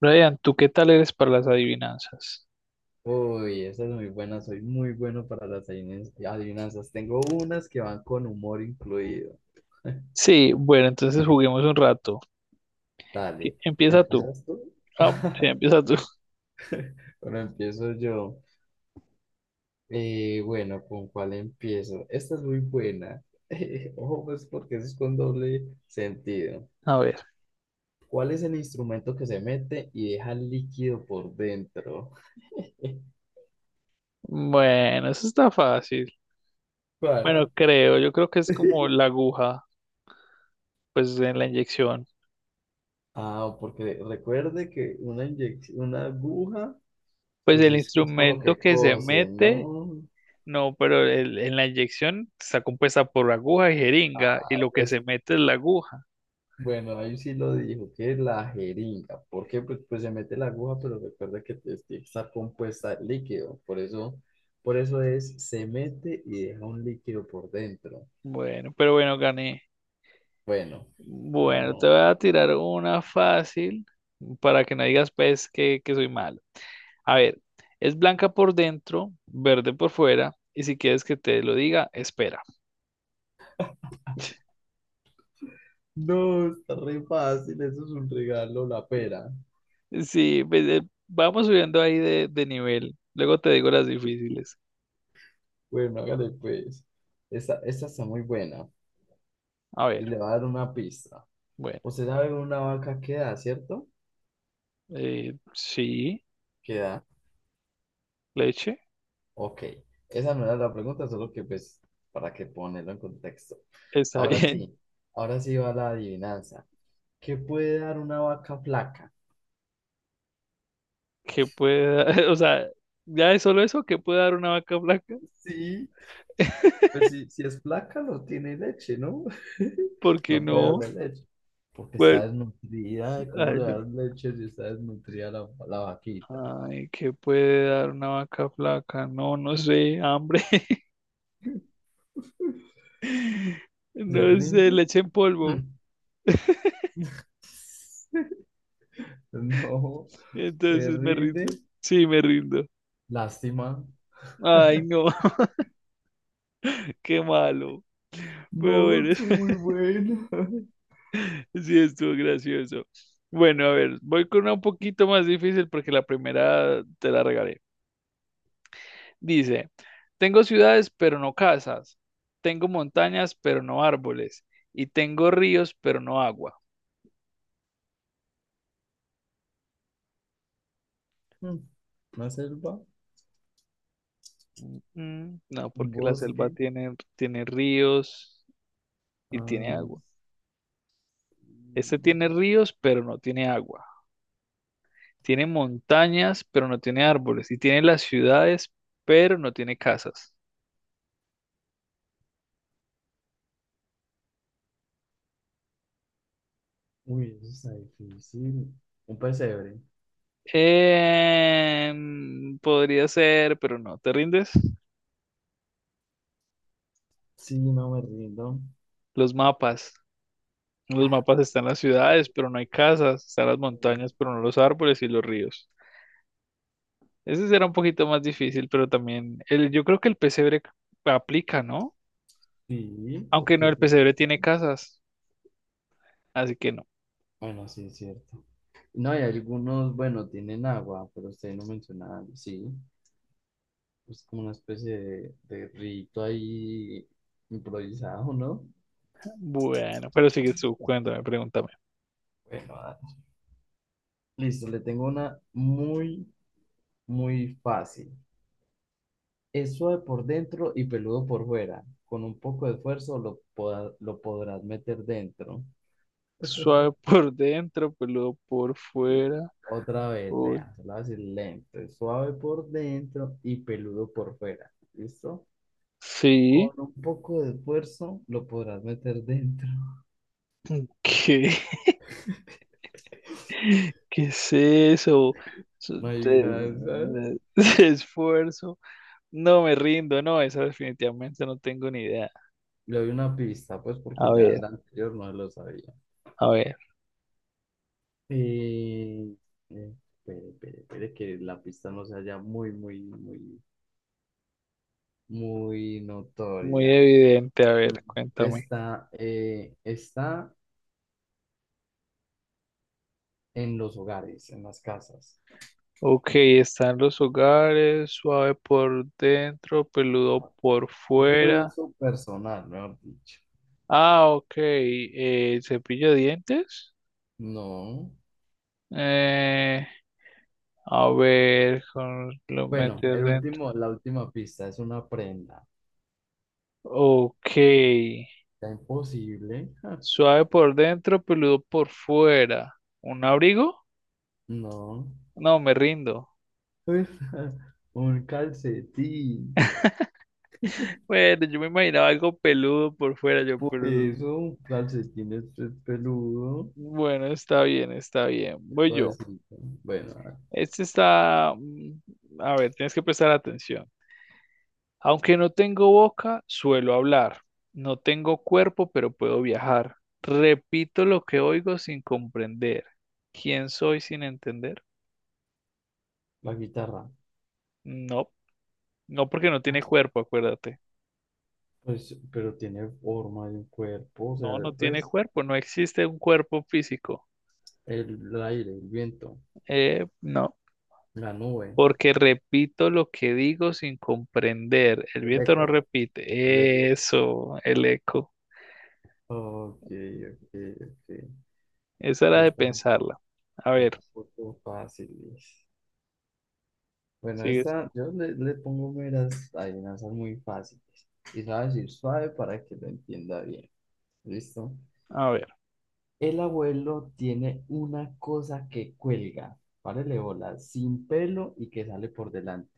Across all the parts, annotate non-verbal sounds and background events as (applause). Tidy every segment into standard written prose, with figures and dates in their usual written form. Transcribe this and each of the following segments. Brian, ¿tú qué tal eres para las adivinanzas? Uy, esa es muy buena, soy muy bueno para las adivinanzas. Tengo unas que van con humor incluido. Sí, bueno, entonces juguemos un rato. ¿Qui- Dale, Empieza tú. ¿empiezas tú? Ah, (laughs) sí, empieza tú. Bueno, empiezo yo. Bueno, ¿con cuál empiezo? Esta es muy buena. (laughs) Ojo, pues porque eso es con doble sentido. (laughs) A ver. ¿Cuál es el instrumento que se mete y deja líquido por dentro? (laughs) Bueno, eso está fácil. ¿Cuál? Bueno, creo, yo creo que es como la aguja, pues en la inyección. Ah, porque recuerde que una una aguja, Pues pues el es con lo instrumento que que se cosen, mete, ¿no? no, pero el- en la inyección está compuesta por aguja y jeringa, y Ah, lo que pues se mete es la aguja. bueno, ahí sí lo dijo, que es la jeringa. ¿Por qué? Pues se mete la aguja, pero recuerda que tiene que estar compuesta de líquido. Por eso es, se mete y deja un líquido por dentro. Bueno, pero bueno, gané. Bueno, Bueno, te ganó. voy a tirar una fácil para que no digas pues que soy malo. A ver, es blanca por dentro, verde por fuera, y si quieres que te lo diga, espera. No, no, está re fácil, eso es un regalo, la pera. Sí, pues, vamos subiendo ahí de nivel. Luego te digo las difíciles. Bueno, hágale pues. Esta está muy buena A y ver, le va a dar una pista. bueno, Usted sabe una vaca que da, ¿cierto? Sí, Que da. leche, Ok, esa no era la pregunta, solo que pues para que ponerlo en contexto. está (laughs) Ahora bien. sí, ahora sí va la adivinanza. ¿Qué puede dar una vaca flaca? ¿Qué puede dar? (laughs) O sea, ya es solo eso, ¿qué puede dar una vaca blanca? Sí, (laughs) pues si es flaca no tiene leche, ¿no? (laughs) Porque No puede no, darle leche, porque bueno, está desnutrida. ¿Cómo ay, le yo- das leche si está desnutrida la vaquita? no, ay, ¿qué puede dar una vaca flaca? No, no sé, hambre. (laughs) ¿Se No sé, rinde? leche en polvo. Mm. (laughs) (laughs) No, se Entonces me rinde. rindo. Sí, me rindo. Lástima. Ay, no, (laughs) qué malo. Pero No, bueno, tú muy buena. (laughs) (laughs) sí estuvo gracioso. Bueno, a ver, voy con una un poquito más difícil porque la primera te la regalé. Dice, tengo ciudades pero no casas, tengo montañas pero no árboles y tengo ríos pero no agua. Mm. Una selva, Mm, no, un porque la selva bosque. tiene ríos y tiene Ah, agua. sí. Este tiene ríos pero no tiene agua. Tiene montañas, pero no tiene árboles. Y tiene las ciudades, pero no tiene casas. Uy, eso está difícil. Un pesebre. Em, podría ser, pero no. ¿Te rindes? Sí, no me rindo. Los mapas. En Los mapas están las ciudades, pero no hay casas. Están las montañas, pero no los árboles y los ríos. Ese será un poquito más difícil, pero también el, yo creo que el pesebre aplica, ¿no? Sí, Aunque no, porque, el pesebre tiene casas, así que no. bueno, sí, es cierto. No, hay algunos, bueno, tienen agua, pero usted no menciona, sí, es como una especie de rito ahí improvisado, ¿no? Bueno, pero sigue su cuéntame, pregúntame. Bueno, ah, listo, le tengo una muy, muy fácil. Es suave por dentro y peludo por fuera. Con un poco de esfuerzo lo lo podrás meter dentro. Suave (laughs) por dentro, peludo por fuera. Otra vez, Uy, vea, se lo voy a decir lento. Es suave por dentro y peludo por fuera. ¿Listo? Con sí. un poco de esfuerzo lo podrás meter dentro. ¿Qué? (laughs) (laughs) ¿Qué es eso? Su- No hay te- una de esas. (laughs) Esfuerzo. No me rindo, no, esa definitivamente no tengo ni idea. Le doy una pista, pues, A porque ya ver, la anterior no lo sabía. a ver, Eh, eh, espere, espere, espere, que la pista no sea ya muy, muy, muy, muy muy notoria. evidente, a Mm. ver, cuéntame. Está en los hogares, en las casas. Ok, están los hogares, suave por dentro, peludo por Es de fuera. uso personal, mejor dicho. Ah, ok, cepillo de dientes. No. Eh, a ver, con- lo Bueno, meter el dentro. último, la última pista es una prenda. Ok. Está imposible. Ja, Suave por dentro, peludo por fuera. ¿Un abrigo? no. No, me rindo. Pues, ja, un calcetín. (laughs) Bueno, yo me imaginaba algo peludo por fuera, yo, Por pero eso, un calcetín es peludo. bueno, está bien, está bien. Es Voy yo. suavecito. Bueno, a ver, Este está, mm, a ver, tienes que prestar atención. Aunque no tengo boca, suelo hablar. No tengo cuerpo, pero puedo viajar. Repito lo que oigo sin comprender. ¿Quién soy sin entender? la guitarra. No, no porque no tiene cuerpo, acuérdate. Pues, pero tiene forma de un cuerpo. O No, sea, no tiene pues, cuerpo, no existe un cuerpo físico. El aire, el viento. No, La nube, porque repito lo que digo sin comprender. El el viento no eco, el repite. eco. Eso, el eco. Ok, ok, ok. Esa Sí, era de pensarla. A está ver, un poco fáciles. Bueno, sigues. esta, yo le pongo meras adivinanzas muy fáciles. Y sabes ir suave para que lo entienda bien. ¿Listo? A ver. El abuelo tiene una cosa que cuelga, párele bola, sin pelo y que sale por delante.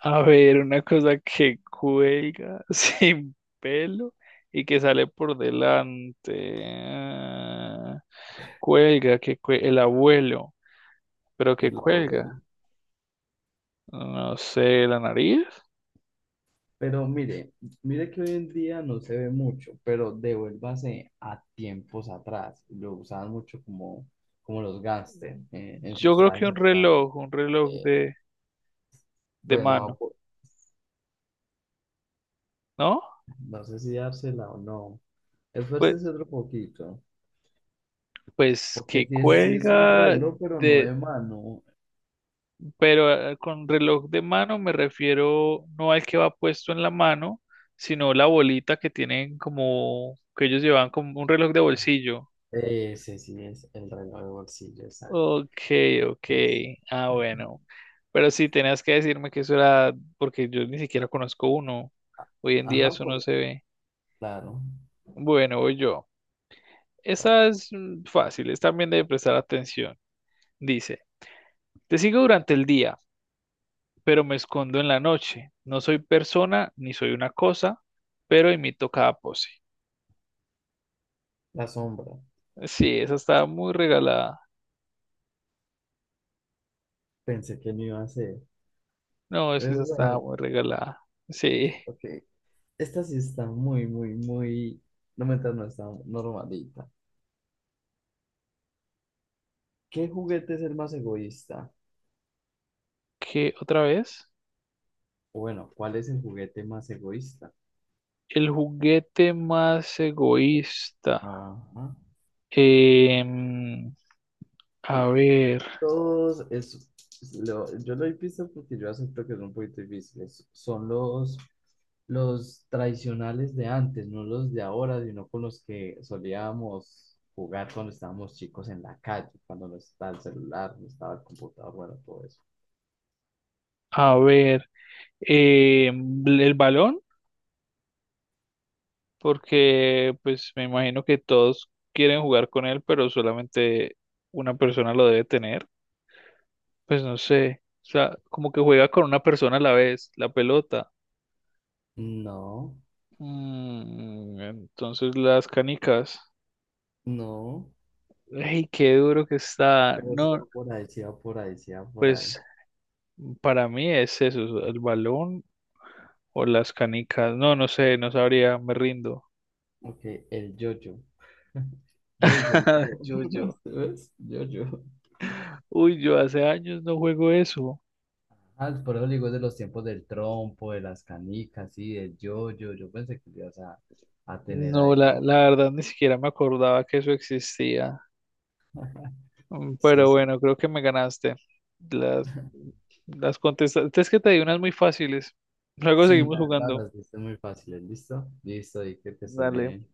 A ver, una cosa que cuelga (laughs) sin pelo y que sale por delante. Ah, cuelga, que cue- el abuelo, pero que El abuelo. cuelga. No sé, la nariz. Pero mire, mire que hoy en día no se ve mucho, pero devuélvase a tiempos atrás. Lo usaban mucho como, como los gángsters en Yo sus creo que trajes elegantes. Un reloj Eh, de bueno, mano, ¿no? no sé si dársela o no. Pues, Esfuércese otro poquito, pues porque que sí sí es un cuelga reloj, pero no de, de mano. pero con reloj de mano me refiero no al que va puesto en la mano, sino la bolita que tienen como que ellos llevan como un reloj de bolsillo. Ese sí es el reloj de bolsillo, exacto. Ok, ok. es- Ah, bueno. Pero sí, tenías que decirme que eso era porque yo ni siquiera conozco uno. Hoy en día Ajá, eso no por, se ve. claro, Bueno, voy yo. la, Esa es mm, fácil, es también de prestar atención. Dice, te sigo durante el día pero me escondo en la noche. No soy persona ni soy una cosa, pero imito cada pose. la sombra. Sí, esa está muy regalada. Pensé que no iba a ser. No, es que esa está ¿Verdad? muy regalada. Sí, Ok. Esta sí está muy, muy, muy... No, me no está normalita. ¿Qué juguete es el más egoísta? ¿qué otra vez? O bueno, ¿cuál es el juguete más egoísta? El juguete más egoísta. Ajá. Em, a Y ver, todos, es, yo lo he visto porque yo acepto que son un poquito difíciles. Son los tradicionales de antes, no los de ahora, sino con los que solíamos jugar cuando estábamos chicos en la calle, cuando no estaba el celular, no estaba el computador, bueno, todo eso. a ver. El balón, porque pues me imagino que todos quieren jugar con él, pero solamente una persona lo debe tener. Pues no sé. O sea, como que juega con una persona a la vez, la pelota. No, Mm, entonces las canicas. no. ¡Ey, qué duro que está! Pero sí No, va por ahí, sí va por ahí, sí va por ahí. pues para mí es eso, el balón o las canicas. No, no sé, no sabría, me rindo. Ok, el yo-yo. (laughs) Yo y solo (laughs) yo. Yo, yo. (laughs) ¿Ves? Yo-yo. Uy, yo hace años no juego eso. Ah, por eso le digo es de los tiempos del trompo, de las canicas, sí, del yo-yo. Yo pensé que lo ibas a tener No, la, ahí. la verdad ni siquiera me acordaba que eso existía. Mm, Sí, pero sí. bueno, creo que me ganaste. Las, las contestaste. Es que te di unas muy fáciles. Luego Sí, seguimos la verdad, jugando. las viste muy fáciles. ¿Listo? Listo, y que te estés Dale. bien.